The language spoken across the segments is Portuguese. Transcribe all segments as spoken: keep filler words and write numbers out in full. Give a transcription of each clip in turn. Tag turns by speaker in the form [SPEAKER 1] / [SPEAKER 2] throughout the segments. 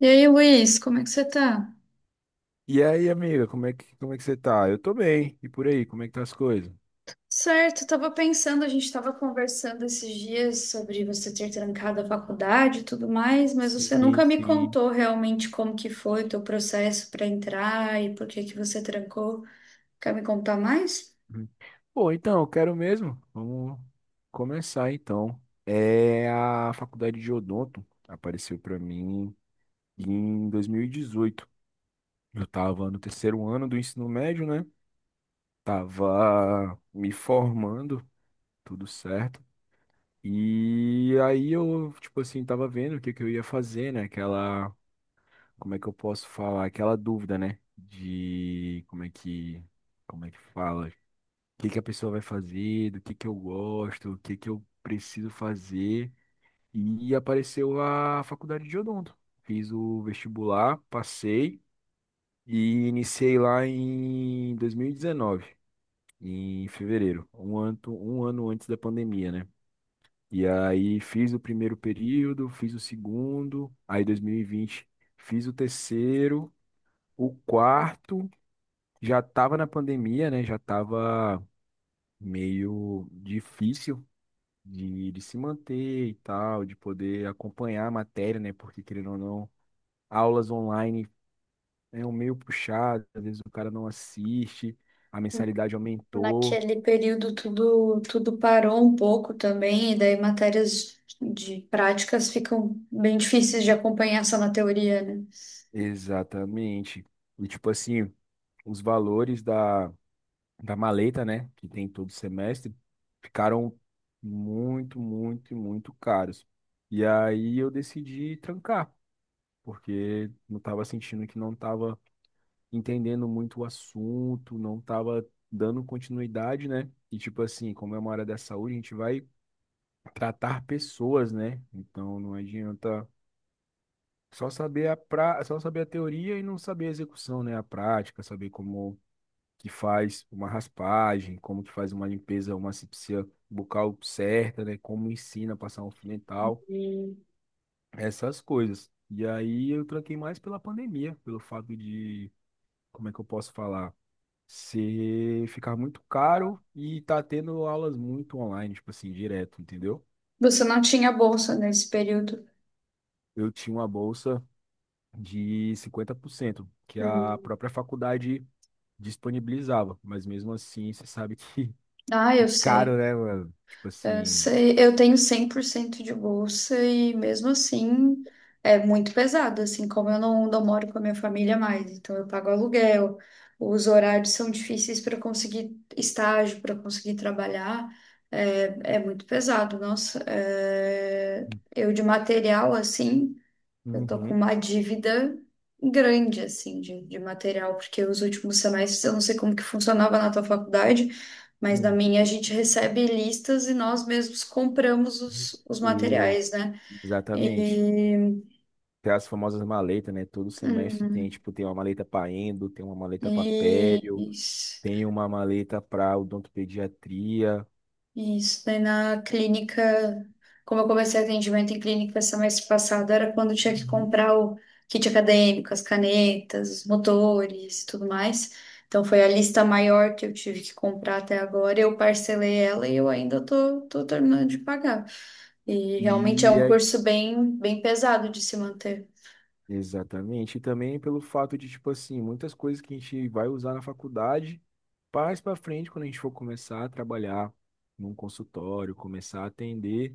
[SPEAKER 1] E aí, Luiz, como é que você tá?
[SPEAKER 2] E aí, amiga, como é que, como é que você tá? Eu tô bem. E por aí, como é que tá as coisas?
[SPEAKER 1] Certo, eu tava pensando, a gente tava conversando esses dias sobre você ter trancado a faculdade e tudo mais, mas você
[SPEAKER 2] Sim,
[SPEAKER 1] nunca me
[SPEAKER 2] sim.
[SPEAKER 1] contou realmente como que foi o teu processo para entrar e por que que você trancou. Quer me contar mais?
[SPEAKER 2] Hum. Bom, então, eu quero mesmo. Vamos começar então. É a faculdade de odonto apareceu pra mim em dois mil e dezoito. Eu tava no terceiro ano do ensino médio, né? Tava me formando, tudo certo. E aí eu, tipo assim, tava vendo o que que eu ia fazer, né? Aquela como é que eu posso falar? Aquela dúvida, né? De como é que, como é que fala? O que que a pessoa vai fazer, do que que eu gosto, o que que eu preciso fazer. E apareceu a faculdade de odonto. Fiz o vestibular, passei e iniciei lá em dois mil e dezenove, em fevereiro, um ano, um ano antes da pandemia, né? E aí fiz o primeiro período, fiz o segundo, aí dois mil e vinte, fiz o terceiro, o quarto, já estava na pandemia, né? Já estava meio difícil de, de se manter e tal, de poder acompanhar a matéria, né? Porque, querendo ou não, aulas online é um meio puxado, às vezes o cara não assiste, a mensalidade aumentou.
[SPEAKER 1] Naquele período tudo tudo parou um pouco também, e daí matérias de práticas ficam bem difíceis de acompanhar só na teoria, né?
[SPEAKER 2] Exatamente. E, tipo assim, os valores da maleta, né, que tem todo semestre, ficaram muito, muito, muito caros. E aí eu decidi trancar, porque não estava sentindo que não estava entendendo muito o assunto, não estava dando continuidade, né? E tipo assim, como é uma área da saúde, a gente vai tratar pessoas, né? Então não adianta só saber a pra... só saber a teoria e não saber a execução, né? A prática, saber como que faz uma raspagem, como que faz uma limpeza, uma asepsia bucal certa, né? Como ensina a passar um fio dental,
[SPEAKER 1] E
[SPEAKER 2] essas coisas. E aí eu tranquei mais pela pandemia, pelo fato de, como é que eu posso falar? Ser ficar muito caro e tá tendo aulas muito online, tipo assim, direto, entendeu?
[SPEAKER 1] você não tinha bolsa nesse período.
[SPEAKER 2] Eu tinha uma bolsa de cinquenta por cento que
[SPEAKER 1] Hum.
[SPEAKER 2] a própria faculdade disponibilizava, mas mesmo assim, você sabe que
[SPEAKER 1] Ah,
[SPEAKER 2] é
[SPEAKER 1] eu
[SPEAKER 2] caro,
[SPEAKER 1] sei.
[SPEAKER 2] né, mano? Tipo
[SPEAKER 1] Eu
[SPEAKER 2] assim,
[SPEAKER 1] sei, eu tenho cem por cento de bolsa e mesmo assim é muito pesado, assim, como eu não, não moro com a minha família mais, então eu pago aluguel, os horários são difíceis para conseguir estágio, para conseguir trabalhar, é, é muito pesado, nossa. É, eu de material, assim, eu tô com
[SPEAKER 2] uhum.
[SPEAKER 1] uma dívida grande, assim, de, de material, porque os últimos semestres, eu não sei como que funcionava na tua faculdade, mas na
[SPEAKER 2] Uhum.
[SPEAKER 1] minha a gente recebe listas e nós mesmos compramos os, os
[SPEAKER 2] E,
[SPEAKER 1] materiais, né?
[SPEAKER 2] exatamente.
[SPEAKER 1] E,
[SPEAKER 2] Tem as famosas maletas, né? Todo semestre tem,
[SPEAKER 1] hum,
[SPEAKER 2] tipo, tem uma maleta para endo, tem uma maleta para
[SPEAKER 1] e
[SPEAKER 2] pério,
[SPEAKER 1] isso.
[SPEAKER 2] tem uma maleta para odontopediatria.
[SPEAKER 1] Isso, daí na clínica, como eu comecei atendimento em clínica semestre passado, era quando eu tinha que
[SPEAKER 2] Uhum.
[SPEAKER 1] comprar o kit acadêmico, as canetas, os motores e tudo mais. Então foi a lista maior que eu tive que comprar até agora. Eu parcelei ela e eu ainda tô, tô terminando de pagar. E realmente é um
[SPEAKER 2] E
[SPEAKER 1] curso bem, bem pesado de se manter.
[SPEAKER 2] exatamente. E também pelo fato de, tipo assim, muitas coisas que a gente vai usar na faculdade, mais para frente, quando a gente for começar a trabalhar num consultório, começar a atender,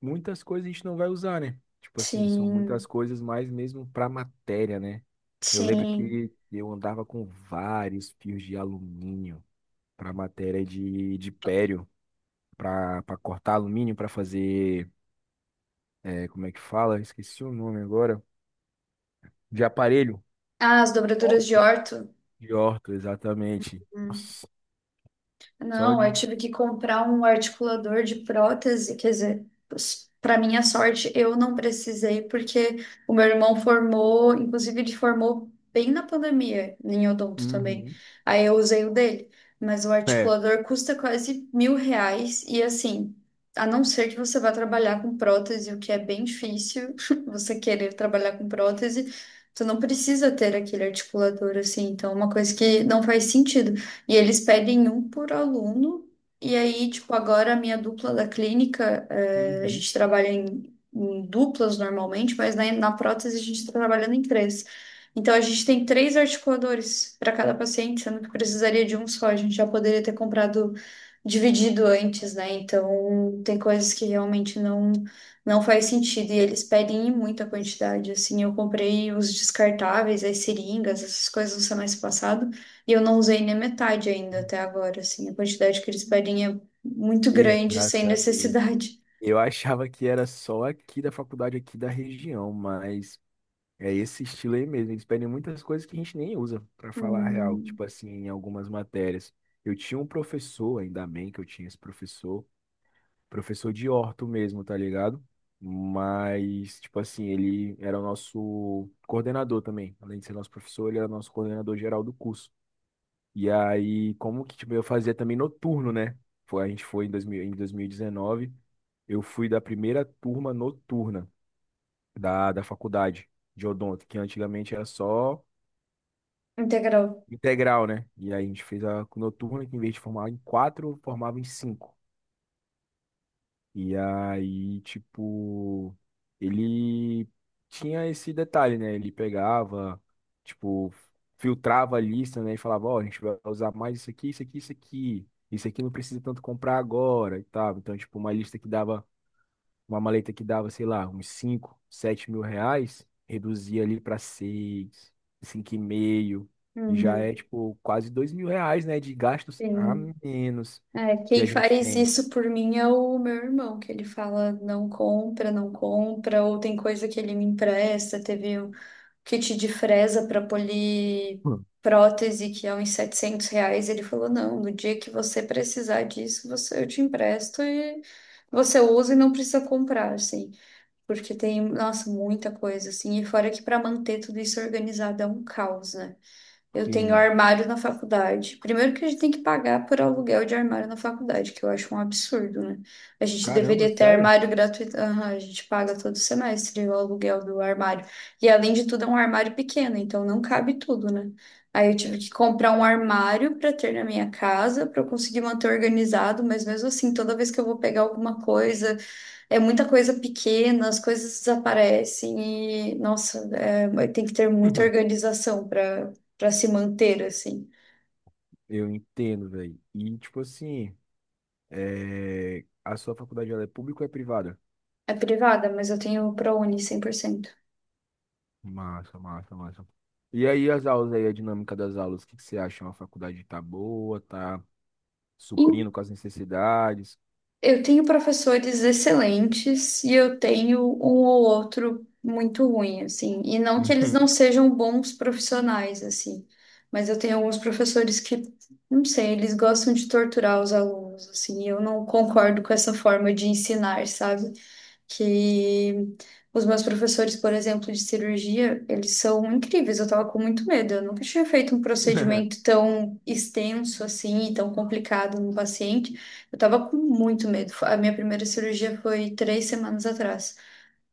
[SPEAKER 2] muitas coisas a gente não vai usar, né? Tipo assim, são muitas
[SPEAKER 1] Sim,
[SPEAKER 2] coisas mais mesmo para matéria, né? Eu lembro
[SPEAKER 1] sim.
[SPEAKER 2] que eu andava com vários fios de alumínio para matéria de, de pério, para para cortar alumínio, para fazer, é, como é que fala? Esqueci o nome agora, de aparelho.
[SPEAKER 1] Ah, as dobraduras de orto.
[SPEAKER 2] De Horto, exatamente.
[SPEAKER 1] Hum.
[SPEAKER 2] Nossa, só
[SPEAKER 1] Não, eu
[SPEAKER 2] de.
[SPEAKER 1] tive que comprar um articulador de prótese, quer dizer, para minha sorte, eu não precisei, porque o meu irmão formou, inclusive ele formou bem na pandemia, em odonto também.
[SPEAKER 2] Uhum.
[SPEAKER 1] Aí eu usei o dele, mas o
[SPEAKER 2] É,
[SPEAKER 1] articulador custa quase mil reais, e assim, a não ser que você vá trabalhar com prótese, o que é bem difícil, você querer trabalhar com prótese, você não precisa ter aquele articulador, assim, então é uma coisa que não faz sentido. E eles pedem um por aluno. E aí, tipo, agora a minha dupla da clínica, eh, a
[SPEAKER 2] Uhum.
[SPEAKER 1] gente trabalha em, em duplas normalmente, mas na, na prótese a gente está trabalhando em três. Então a gente tem três articuladores para cada paciente, sendo que precisaria de um só. A gente já poderia ter comprado dividido antes, né? Então tem coisas que realmente não não faz sentido e eles pedem em muita quantidade. Assim, eu comprei os descartáveis, as seringas, essas coisas no semestre passado. E eu não usei nem metade ainda até agora, assim. A quantidade que eles pedem é muito grande, sem
[SPEAKER 2] Exatamente.
[SPEAKER 1] necessidade.
[SPEAKER 2] Eu achava que era só aqui da faculdade, aqui da região, mas é esse estilo aí mesmo. Eles pedem muitas coisas que a gente nem usa, para falar a real,
[SPEAKER 1] Hum,
[SPEAKER 2] tipo assim, em algumas matérias. Eu tinha um professor, ainda bem que eu tinha esse professor, professor de orto mesmo, tá ligado? Mas, tipo assim, ele era o nosso coordenador também. Além de ser nosso professor, ele era nosso coordenador geral do curso. E aí, como que tipo, eu fazia também noturno, né? Foi, a gente foi em dois mil em dois mil e dezenove, eu fui da primeira turma noturna da, da faculdade de odonto, que antigamente era só
[SPEAKER 1] integral.
[SPEAKER 2] integral, né? E aí a gente fez a noturna, que em vez de formar em quatro, formava em cinco. E aí, tipo, ele tinha esse detalhe, né? Ele pegava, tipo, filtrava a lista, né? E falava, ó, a gente vai usar mais isso aqui, isso aqui, isso aqui. Isso aqui não precisa tanto comprar agora e tal. Então, tipo, uma lista que dava, uma maleta que dava, sei lá, uns cinco sete mil reais, reduzia ali para seis cinco e meio, e já
[SPEAKER 1] Uhum,
[SPEAKER 2] é, tipo, quase dois mil reais, né? De gastos a
[SPEAKER 1] sim.
[SPEAKER 2] menos
[SPEAKER 1] É,
[SPEAKER 2] que
[SPEAKER 1] quem
[SPEAKER 2] a gente
[SPEAKER 1] faz
[SPEAKER 2] tem.
[SPEAKER 1] isso por mim é o meu irmão, que ele fala não compra, não compra, ou tem coisa que ele me empresta. Teve um kit de fresa para polir
[SPEAKER 2] Hum.
[SPEAKER 1] prótese, que é uns setecentos reais. Ele falou: não, no dia que você precisar disso, você, eu te empresto e você usa e não precisa comprar, assim. Porque tem, nossa, muita coisa, assim. E fora que para manter tudo isso organizado é um caos, né? Eu
[SPEAKER 2] Sim,
[SPEAKER 1] tenho
[SPEAKER 2] mano.
[SPEAKER 1] armário na faculdade. Primeiro que a gente tem que pagar por aluguel de armário na faculdade, que eu acho um absurdo, né? A gente
[SPEAKER 2] Caramba,
[SPEAKER 1] deveria ter
[SPEAKER 2] sério?
[SPEAKER 1] armário gratuito. Aham, a gente paga todo semestre o aluguel do armário. E além de tudo, é um armário pequeno, então não cabe tudo, né? Aí eu tive que comprar um armário para ter na minha casa, para eu conseguir manter organizado, mas mesmo assim, toda vez que eu vou pegar alguma coisa, é muita coisa pequena, as coisas desaparecem e, nossa, é, tem que ter muita organização para para se manter assim.
[SPEAKER 2] Eu entendo, velho. E, tipo assim, é, a sua faculdade ela é pública ou é privada?
[SPEAKER 1] É privada, mas eu tenho ProUni cem por cento
[SPEAKER 2] Massa, massa, massa. E aí as aulas aí, a dinâmica das aulas, o que que você acha? A faculdade tá boa, tá
[SPEAKER 1] e
[SPEAKER 2] suprindo com as necessidades?
[SPEAKER 1] eu tenho professores excelentes e eu tenho um ou outro muito ruim, assim. E não que eles não
[SPEAKER 2] Uhum.
[SPEAKER 1] sejam bons profissionais, assim. Mas eu tenho alguns professores que, não sei, eles gostam de torturar os alunos, assim. E eu não concordo com essa forma de ensinar, sabe? Que os meus professores, por exemplo, de cirurgia, eles são incríveis. Eu tava com muito medo. Eu nunca tinha feito um procedimento tão extenso assim e tão complicado no paciente. Eu tava com muito medo. A minha primeira cirurgia foi três semanas atrás.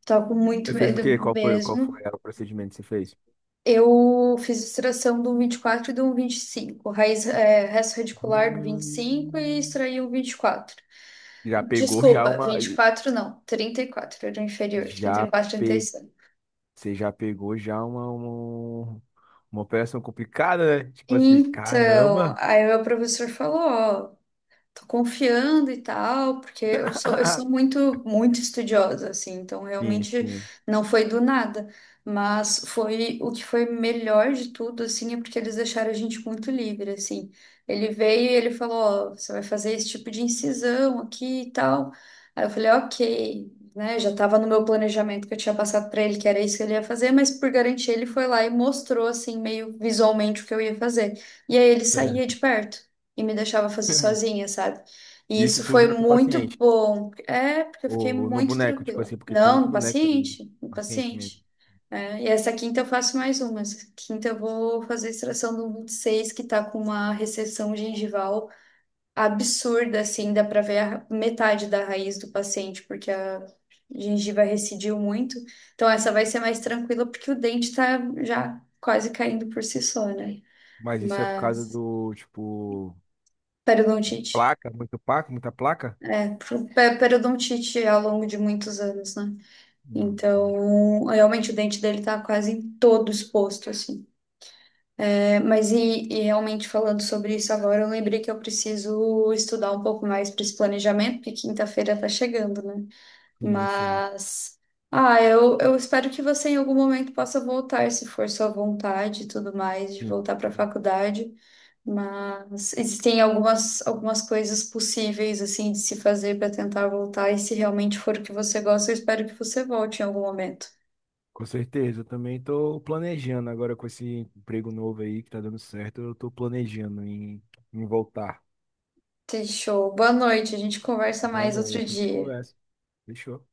[SPEAKER 1] Eu tava com
[SPEAKER 2] Você
[SPEAKER 1] muito
[SPEAKER 2] fez o
[SPEAKER 1] medo
[SPEAKER 2] quê? Qual foi, qual
[SPEAKER 1] mesmo.
[SPEAKER 2] foi o procedimento que você fez?
[SPEAKER 1] Eu fiz extração do vinte e quatro e do vinte e cinco. Raiz, é, resto radicular do vinte e cinco e
[SPEAKER 2] Hum.
[SPEAKER 1] extraí o vinte e quatro.
[SPEAKER 2] Já pegou já
[SPEAKER 1] Desculpa,
[SPEAKER 2] uma,
[SPEAKER 1] vinte e quatro não, trinta e quatro. Era o inferior, trinta trinta
[SPEAKER 2] já
[SPEAKER 1] e quatro, trinta e trinta e seis.
[SPEAKER 2] Você já pegou já uma, uma, uma operação complicada, né? Tipo assim,
[SPEAKER 1] Então,
[SPEAKER 2] caramba.
[SPEAKER 1] aí o meu professor falou, ó, tô confiando e tal, porque eu sou, eu sou muito, muito estudiosa, assim, então
[SPEAKER 2] Sim,
[SPEAKER 1] realmente
[SPEAKER 2] sim.
[SPEAKER 1] não foi do nada, mas foi o que foi melhor de tudo, assim, é porque eles deixaram a gente muito livre, assim. Ele veio e ele falou, ó, você vai fazer esse tipo de incisão aqui e tal. Aí eu falei, ok, né, já tava no meu planejamento que eu tinha passado pra ele, que era isso que ele ia fazer, mas por garantia ele foi lá e mostrou, assim, meio visualmente o que eu ia fazer. E aí ele saía de perto e me deixava fazer sozinha, sabe? E
[SPEAKER 2] Isso
[SPEAKER 1] isso
[SPEAKER 2] tu
[SPEAKER 1] foi
[SPEAKER 2] já com o
[SPEAKER 1] muito
[SPEAKER 2] paciente.
[SPEAKER 1] bom. É, porque eu fiquei
[SPEAKER 2] Ou no
[SPEAKER 1] muito
[SPEAKER 2] boneco, tipo
[SPEAKER 1] tranquila.
[SPEAKER 2] assim, porque tem
[SPEAKER 1] Não,
[SPEAKER 2] muito
[SPEAKER 1] no
[SPEAKER 2] boneco também,
[SPEAKER 1] paciente, no
[SPEAKER 2] paciente mesmo.
[SPEAKER 1] paciente. É, e essa quinta eu faço mais uma. Essa quinta eu vou fazer a extração do vinte e seis que tá com uma recessão gengival absurda, assim, dá pra ver a metade da raiz do paciente, porque a gengiva recidiu muito. Então essa vai ser mais tranquila, porque o dente tá já quase caindo por si só, né?
[SPEAKER 2] Mas isso é por causa
[SPEAKER 1] Mas
[SPEAKER 2] do, tipo,
[SPEAKER 1] periodontite.
[SPEAKER 2] placa, muito placa, muita placa?
[SPEAKER 1] Pe- periodontite ao longo de muitos anos, né?
[SPEAKER 2] Não, pode.
[SPEAKER 1] Então, realmente o dente dele tá quase todo exposto, assim. É, mas e, e realmente falando sobre isso agora, eu lembrei que eu preciso estudar um pouco mais para esse planejamento, porque quinta-feira tá chegando, né?
[SPEAKER 2] Sim, sim,
[SPEAKER 1] Mas, ah, eu, eu espero que você em algum momento possa voltar, se for sua vontade e tudo mais, de
[SPEAKER 2] sim.
[SPEAKER 1] voltar para a faculdade. Mas existem algumas, algumas coisas possíveis assim de se fazer para tentar voltar, e se realmente for o que você gosta, eu espero que você volte em algum momento.
[SPEAKER 2] Com certeza. Eu também tô planejando agora com esse emprego novo aí que tá dando certo. Eu tô planejando em, em voltar.
[SPEAKER 1] Fechou. Boa noite, a gente conversa
[SPEAKER 2] Boa
[SPEAKER 1] mais outro
[SPEAKER 2] noite, a gente
[SPEAKER 1] dia.
[SPEAKER 2] conversa. Fechou.